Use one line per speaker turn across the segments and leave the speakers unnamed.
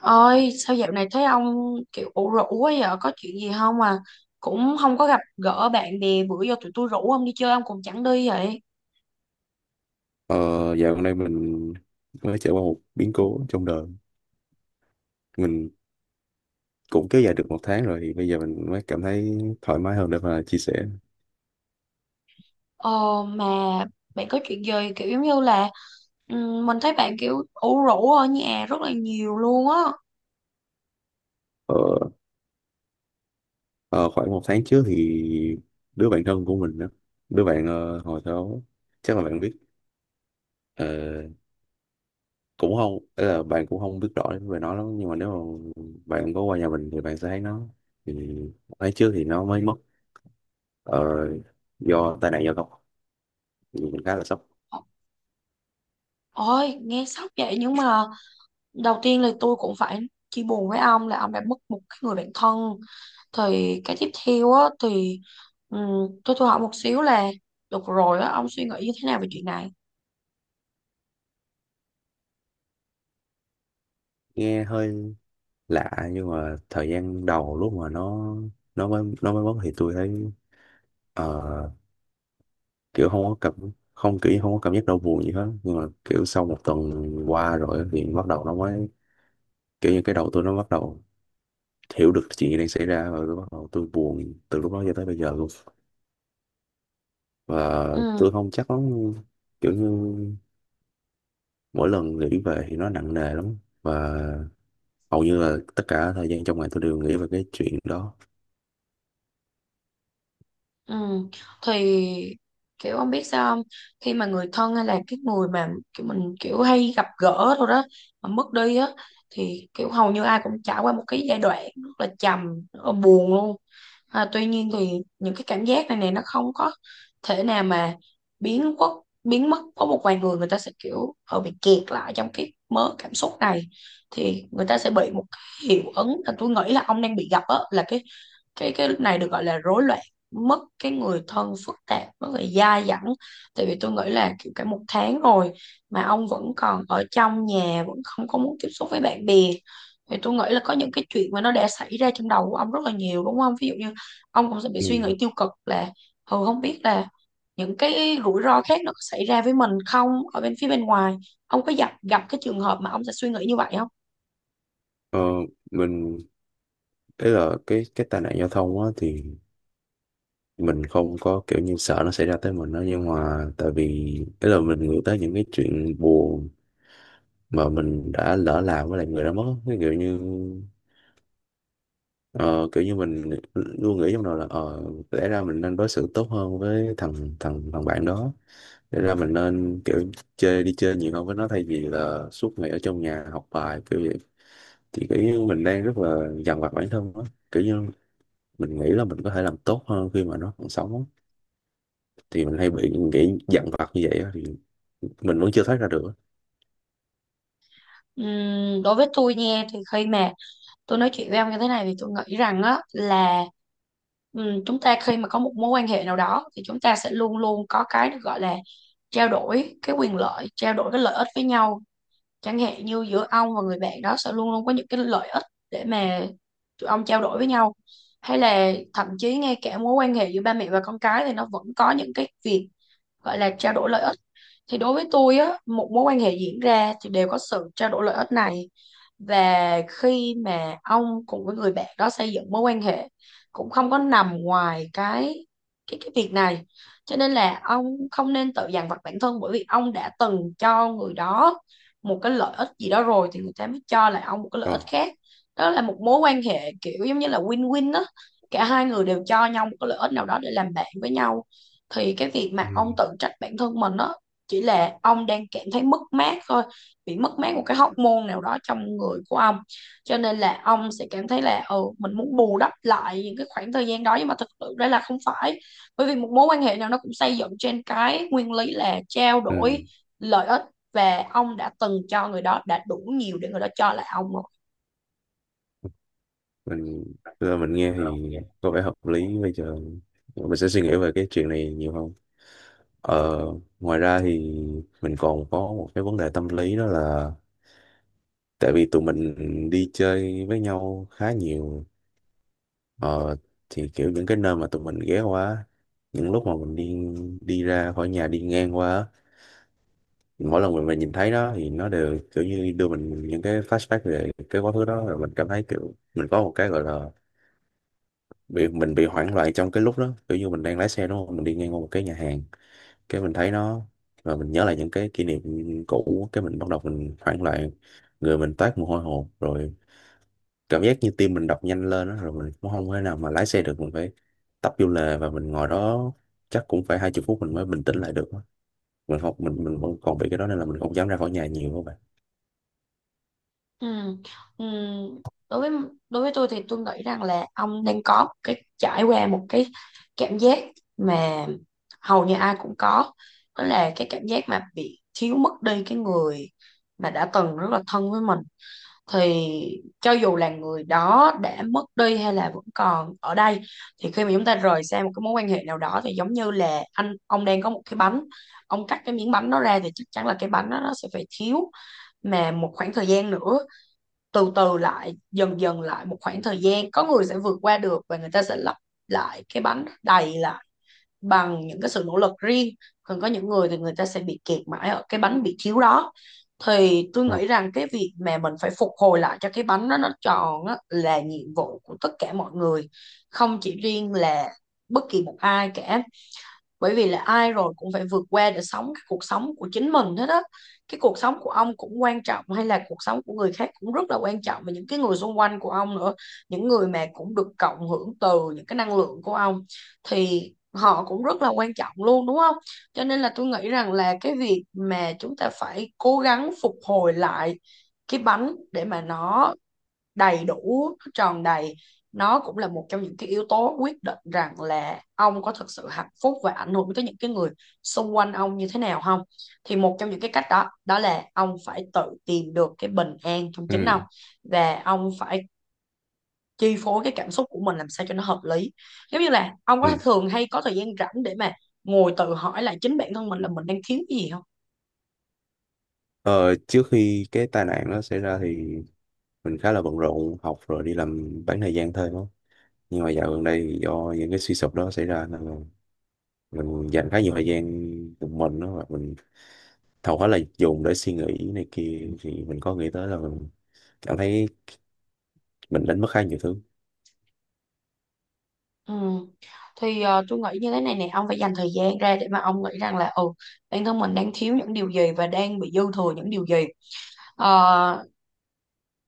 Ơi, sao dạo này thấy ông kiểu ủ rũ quá vậy? Có chuyện gì không à? Cũng không có gặp gỡ bạn bè, bữa giờ tụi tôi rủ ông đi chơi ông cũng chẳng đi vậy.
Ờ, Dạo gần đây mình mới trải qua một biến cố trong đời. Mình cũng kéo dài được một tháng rồi thì bây giờ mình mới cảm thấy thoải mái hơn để mà chia sẻ.
Ờ mà bạn có chuyện gì kiểu giống như là mình thấy bạn kiểu ủ rũ ở nhà rất là nhiều luôn á.
ờ, ờ, Khoảng một tháng trước thì đứa bạn thân của mình đó, đứa bạn, hồi đó chắc là bạn biết, ờ, cũng không ý là bạn cũng không biết rõ về nó lắm, nhưng mà nếu mà bạn có qua nhà mình thì bạn sẽ thấy nó. Thì một tháng trước thì nó mới mất, ờ, do tai nạn giao thông, thì mình khá là sốc.
Ờ, ôi, nghe sốc vậy nhưng mà đầu tiên là tôi cũng phải chia buồn với ông là ông đã mất một cái người bạn thân. Thì cái tiếp theo á thì tôi hỏi một xíu là được rồi á, ông suy nghĩ như thế nào về chuyện này?
Nghe hơi lạ nhưng mà thời gian đầu lúc mà nó mới mất thì tôi thấy, ờ, kiểu không có cảm kiểu như không có cảm giác đau buồn gì hết, nhưng mà kiểu sau một tuần qua rồi thì bắt đầu nó mới kiểu như cái đầu tôi nó bắt đầu hiểu được chuyện gì đang xảy ra, và tôi bắt đầu tôi buồn từ lúc đó cho tới bây giờ luôn. Và
Ừ.
tôi không chắc lắm, kiểu như mỗi lần nghĩ về thì nó nặng nề lắm, và hầu như là tất cả thời gian trong ngày tôi đều nghĩ về cái chuyện đó.
Ừ. Thì kiểu ông biết sao không, khi mà người thân hay là cái người mà kiểu mình kiểu hay gặp gỡ thôi đó mà mất đi á, thì kiểu hầu như ai cũng trải qua một cái giai đoạn rất là trầm, rất là buồn luôn. À, tuy nhiên thì những cái cảm giác này này nó không có thể nào mà biến quốc biến mất, có một vài người người ta sẽ kiểu họ bị kẹt lại trong cái mớ cảm xúc này, thì người ta sẽ bị một cái hiệu ứng là tôi nghĩ là ông đang bị gặp á, là cái này được gọi là rối loạn mất cái người thân phức tạp, nó bị dai dẳng. Tại vì tôi nghĩ là kiểu cả một tháng rồi mà ông vẫn còn ở trong nhà, vẫn không có muốn tiếp xúc với bạn bè, thì tôi nghĩ là có những cái chuyện mà nó đã xảy ra trong đầu của ông rất là nhiều, đúng không? Ví dụ như ông cũng sẽ bị
Ừ.
suy nghĩ tiêu cực là ừ không biết là những cái rủi ro khác nó có xảy ra với mình không ở bên phía bên ngoài. Ông có gặp gặp cái trường hợp mà ông sẽ suy nghĩ như vậy không?
Ờ, mình Thế là cái tai nạn giao thông á, thì mình không có kiểu như sợ nó xảy ra tới mình đó, nhưng mà tại vì ấy là mình nghĩ tới những cái chuyện buồn mà mình đã lỡ làm với lại người đã mất á. Cái kiểu như ờ, Kiểu như mình luôn nghĩ trong đầu là, lẽ ra mình nên đối xử tốt hơn với thằng thằng thằng bạn đó, lẽ ra mình nên kiểu chơi đi chơi nhiều hơn với nó thay vì là suốt ngày ở trong nhà học bài kiểu vậy. Thì kiểu như mình đang rất là dằn vặt bản thân á, kiểu như mình nghĩ là mình có thể làm tốt hơn khi mà nó còn sống á. Thì mình hay bị nghĩ dằn vặt như vậy á, thì mình vẫn chưa thoát ra được á.
Đối với tôi nha, thì khi mà tôi nói chuyện với ông như thế này thì tôi nghĩ rằng á là, chúng ta khi mà có một mối quan hệ nào đó thì chúng ta sẽ luôn luôn có cái được gọi là trao đổi cái quyền lợi, trao đổi cái lợi ích với nhau. Chẳng hạn như giữa ông và người bạn đó sẽ luôn luôn có những cái lợi ích để mà tụi ông trao đổi với nhau, hay là thậm chí ngay cả mối quan hệ giữa ba mẹ và con cái thì nó vẫn có những cái việc gọi là trao đổi lợi ích. Thì đối với tôi á, một mối quan hệ diễn ra thì đều có sự trao đổi lợi ích này, và khi mà ông cùng với người bạn đó xây dựng mối quan hệ cũng không có nằm ngoài cái việc này, cho nên là ông không nên tự dằn vặt bản thân, bởi vì ông đã từng cho người đó một cái lợi ích gì đó rồi thì người ta mới cho lại ông một cái lợi
ờ
ích khác. Đó là một mối quan hệ kiểu giống như là win-win đó, cả hai người đều cho nhau một cái lợi ích nào đó để làm bạn với nhau. Thì cái việc mà ông
ừ.
tự trách bản thân mình đó chỉ là ông đang cảm thấy mất mát thôi, bị mất mát một cái hormone nào đó trong người của ông, cho nên là ông sẽ cảm thấy là ừ mình muốn bù đắp lại những cái khoảng thời gian đó, nhưng mà thực sự đây là không phải, bởi vì một mối quan hệ nào nó cũng xây dựng trên cái nguyên lý là trao đổi
Ừ.
lợi ích, và ông đã từng cho người đó đã đủ nhiều để người đó cho lại ông rồi.
mình Giờ mình nghe thì có vẻ hợp lý. Bây giờ mình sẽ suy nghĩ về cái chuyện này nhiều hơn. ờ, Ngoài ra thì mình còn có một cái vấn đề tâm lý đó là tại vì tụi mình đi chơi với nhau khá nhiều, ờ, thì kiểu những cái nơi mà tụi mình ghé qua, những lúc mà mình đi đi ra khỏi nhà đi ngang qua á, mỗi lần mình nhìn thấy đó thì nó đều kiểu như đưa mình những cái flashback về cái quá khứ đó, rồi mình cảm thấy kiểu mình có một cái gọi là bị, mình bị hoảng loạn trong cái lúc đó. Kiểu như mình đang lái xe đúng không, mình đi ngang qua một cái nhà hàng, cái mình thấy nó và mình nhớ lại những cái kỷ niệm cũ, cái mình bắt đầu mình hoảng loạn, người mình toát mồ hôi hột, rồi cảm giác như tim mình đập nhanh lên đó, rồi mình cũng không thể nào mà lái xe được, mình phải tấp vô lề và mình ngồi đó chắc cũng phải hai chục phút mình mới bình tĩnh lại được á. Mình không mình mình vẫn còn bị cái đó nên là mình không dám ra khỏi nhà nhiều, các
Ừ. Ừ. Đối với Đối với tôi thì tôi nghĩ rằng là ông đang có một cái trải qua một cái cảm giác mà hầu như ai cũng có, đó là cái cảm giác mà bị thiếu mất đi cái người mà đã từng rất là thân với mình. Thì cho dù là người đó đã mất đi hay là vẫn còn ở đây, thì khi mà chúng ta rời xa một cái mối quan hệ nào đó thì giống như là anh ông đang có một cái bánh, ông cắt cái miếng bánh đó ra thì chắc chắn là cái bánh đó nó sẽ phải thiếu. Mà một khoảng thời gian nữa, từ từ lại dần dần lại một khoảng thời gian, có người sẽ vượt qua được và người ta sẽ lấp lại cái bánh đầy lại bằng những cái sự nỗ lực riêng, còn có những người thì người ta sẽ bị kẹt mãi ở cái bánh bị thiếu đó. Thì tôi
bạn.
nghĩ rằng cái việc mà mình phải phục hồi lại cho cái bánh đó nó tròn á, là nhiệm vụ của tất cả mọi người, không chỉ riêng là bất kỳ một ai cả, bởi vì là ai rồi cũng phải vượt qua để sống cái cuộc sống của chính mình hết á. Cái cuộc sống của ông cũng quan trọng, hay là cuộc sống của người khác cũng rất là quan trọng, và những cái người xung quanh của ông nữa, những người mà cũng được cộng hưởng từ những cái năng lượng của ông thì họ cũng rất là quan trọng luôn, đúng không? Cho nên là tôi nghĩ rằng là cái việc mà chúng ta phải cố gắng phục hồi lại cái bánh để mà nó đầy đủ, nó tròn đầy, nó cũng là một trong những cái yếu tố quyết định rằng là ông có thực sự hạnh phúc và ảnh hưởng tới những cái người xung quanh ông như thế nào không. Thì một trong những cái cách đó đó là ông phải tự tìm được cái bình an trong chính
Ừ,
ông, và ông phải chi phối cái cảm xúc của mình làm sao cho nó hợp lý. Giống như là ông có
ừ.
thường hay có thời gian rảnh để mà ngồi tự hỏi lại chính bản thân mình là mình đang thiếu cái gì không?
Ờ, Trước khi cái tai nạn nó xảy ra thì mình khá là bận rộn, học rồi đi làm bán thời gian thôi đó. Nhưng mà dạo gần đây thì do những cái suy sụp đó xảy ra nên là mình dành khá nhiều thời gian một mình đó, và mình hầu hết là dùng để suy nghĩ này kia, thì mình có nghĩ tới là mình cảm thấy mình đánh mất khá nhiều thứ.
Ừ. Thì tôi nghĩ như thế này nè, ông phải dành thời gian ra để mà ông nghĩ rằng là ừ, bản thân mình đang thiếu những điều gì và đang bị dư thừa những điều gì. Ờ,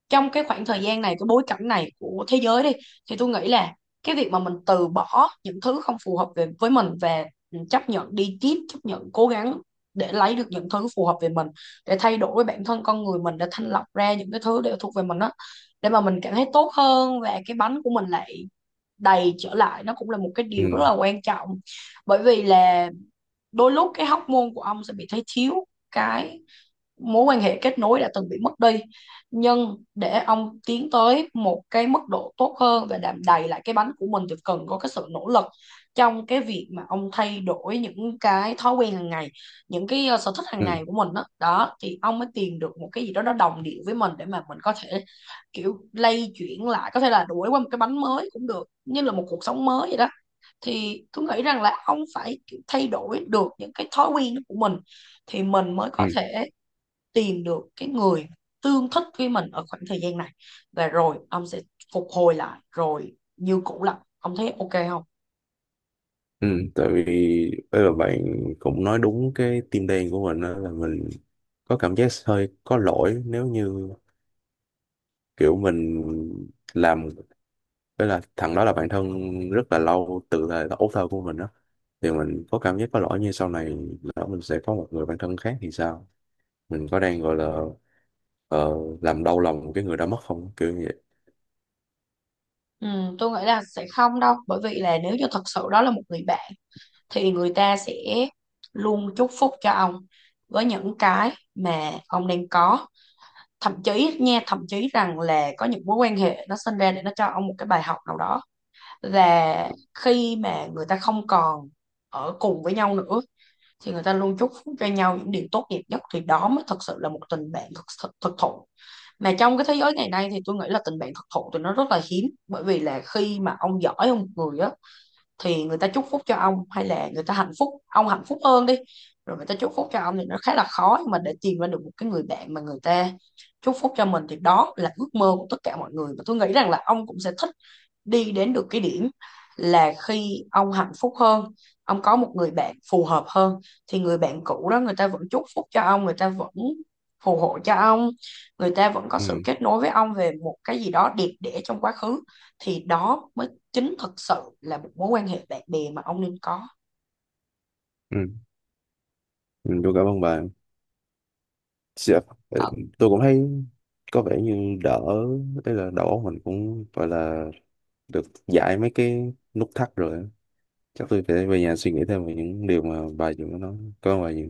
trong cái khoảng thời gian này, cái bối cảnh này của thế giới đi, thì tôi nghĩ là cái việc mà mình từ bỏ những thứ không phù hợp về với mình và ừ, chấp nhận đi tiếp, chấp nhận cố gắng để lấy được những thứ phù hợp về mình, để thay đổi bản thân con người mình, để thanh lọc ra những cái thứ để thuộc về mình đó, để mà mình cảm thấy tốt hơn và cái bánh của mình lại đầy trở lại, nó cũng là một cái điều rất
Ừ,
là quan trọng. Bởi vì là đôi lúc cái hormone của ông sẽ bị thấy thiếu cái mối quan hệ kết nối đã từng bị mất đi, nhưng để ông tiến tới một cái mức độ tốt hơn và đạm đầy lại cái bánh của mình thì cần có cái sự nỗ lực trong cái việc mà ông thay đổi những cái thói quen hàng ngày, những cái sở thích hàng
ừ,
ngày của mình đó, đó thì ông mới tìm được một cái gì đó nó đồng điệu với mình để mà mình có thể kiểu lay chuyển lại, có thể là đuổi qua một cái bánh mới cũng được, như là một cuộc sống mới vậy đó. Thì tôi nghĩ rằng là ông phải thay đổi được những cái thói quen của mình thì mình mới có
ừ,
thể tìm được cái người tương thích với mình ở khoảng thời gian này, và rồi ông sẽ phục hồi lại rồi như cũ lại. Ông thấy ok không?
ừ. Tại vì bây giờ bạn cũng nói đúng cái tim đen của mình, đó là mình có cảm giác hơi có lỗi nếu như kiểu mình làm với là, thằng đó là bạn thân rất là lâu từ thời là ấu thơ của mình đó. Thì mình có cảm giác có lỗi như sau này lỡ mình sẽ có một người bạn thân khác thì sao? Mình có đang gọi là, ờ, làm đau lòng cái người đã mất không? Kiểu như vậy.
Ừ, tôi nghĩ là sẽ không đâu, bởi vì là nếu như thật sự đó là một người bạn thì người ta sẽ luôn chúc phúc cho ông với những cái mà ông đang có. Thậm chí nha, thậm chí rằng là có những mối quan hệ nó sinh ra để nó cho ông một cái bài học nào đó, là khi mà người ta không còn ở cùng với nhau nữa thì người ta luôn chúc phúc cho nhau những điều tốt đẹp nhất, thì đó mới thật sự là một tình bạn thực thực, thụ. Mà trong cái thế giới ngày nay thì tôi nghĩ là tình bạn thực thụ thì nó rất là hiếm, bởi vì là khi mà ông giỏi ông người á thì người ta chúc phúc cho ông, hay là người ta hạnh phúc ông hạnh phúc hơn đi rồi người ta chúc phúc cho ông thì nó khá là khó. Nhưng mà để tìm ra được một cái người bạn mà người ta chúc phúc cho mình thì đó là ước mơ của tất cả mọi người, và tôi nghĩ rằng là ông cũng sẽ thích đi đến được cái điểm là khi ông hạnh phúc hơn, ông có một người bạn phù hợp hơn, thì người bạn cũ đó người ta vẫn chúc phúc cho ông, người ta vẫn phù hộ cho ông, người ta vẫn có sự
Ừ,
kết nối với ông về một cái gì đó đẹp đẽ trong quá khứ. Thì đó mới chính thực sự là một mối quan hệ bạn bè mà ông nên có.
ừ, ừ, tôi cảm ơn bạn. Dạ, ừ.
Ờ,
Tôi cũng thấy có vẻ như đỡ, đấy là đầu óc mình cũng gọi là được giải mấy cái nút thắt rồi á. Chắc tôi phải về nhà suy nghĩ thêm về những điều mà bà vừa mới nói. Cảm ơn bà nhiều.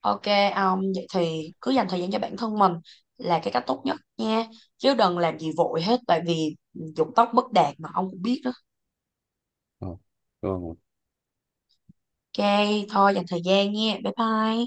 ok ông, vậy thì cứ dành thời gian cho bản thân mình là cái cách tốt nhất nha, chứ đừng làm gì vội hết, tại vì dục tốc bất đạt mà ông cũng biết đó.
Ờ, Cảm ơn.
Ok, thôi dành thời gian nha. Bye bye.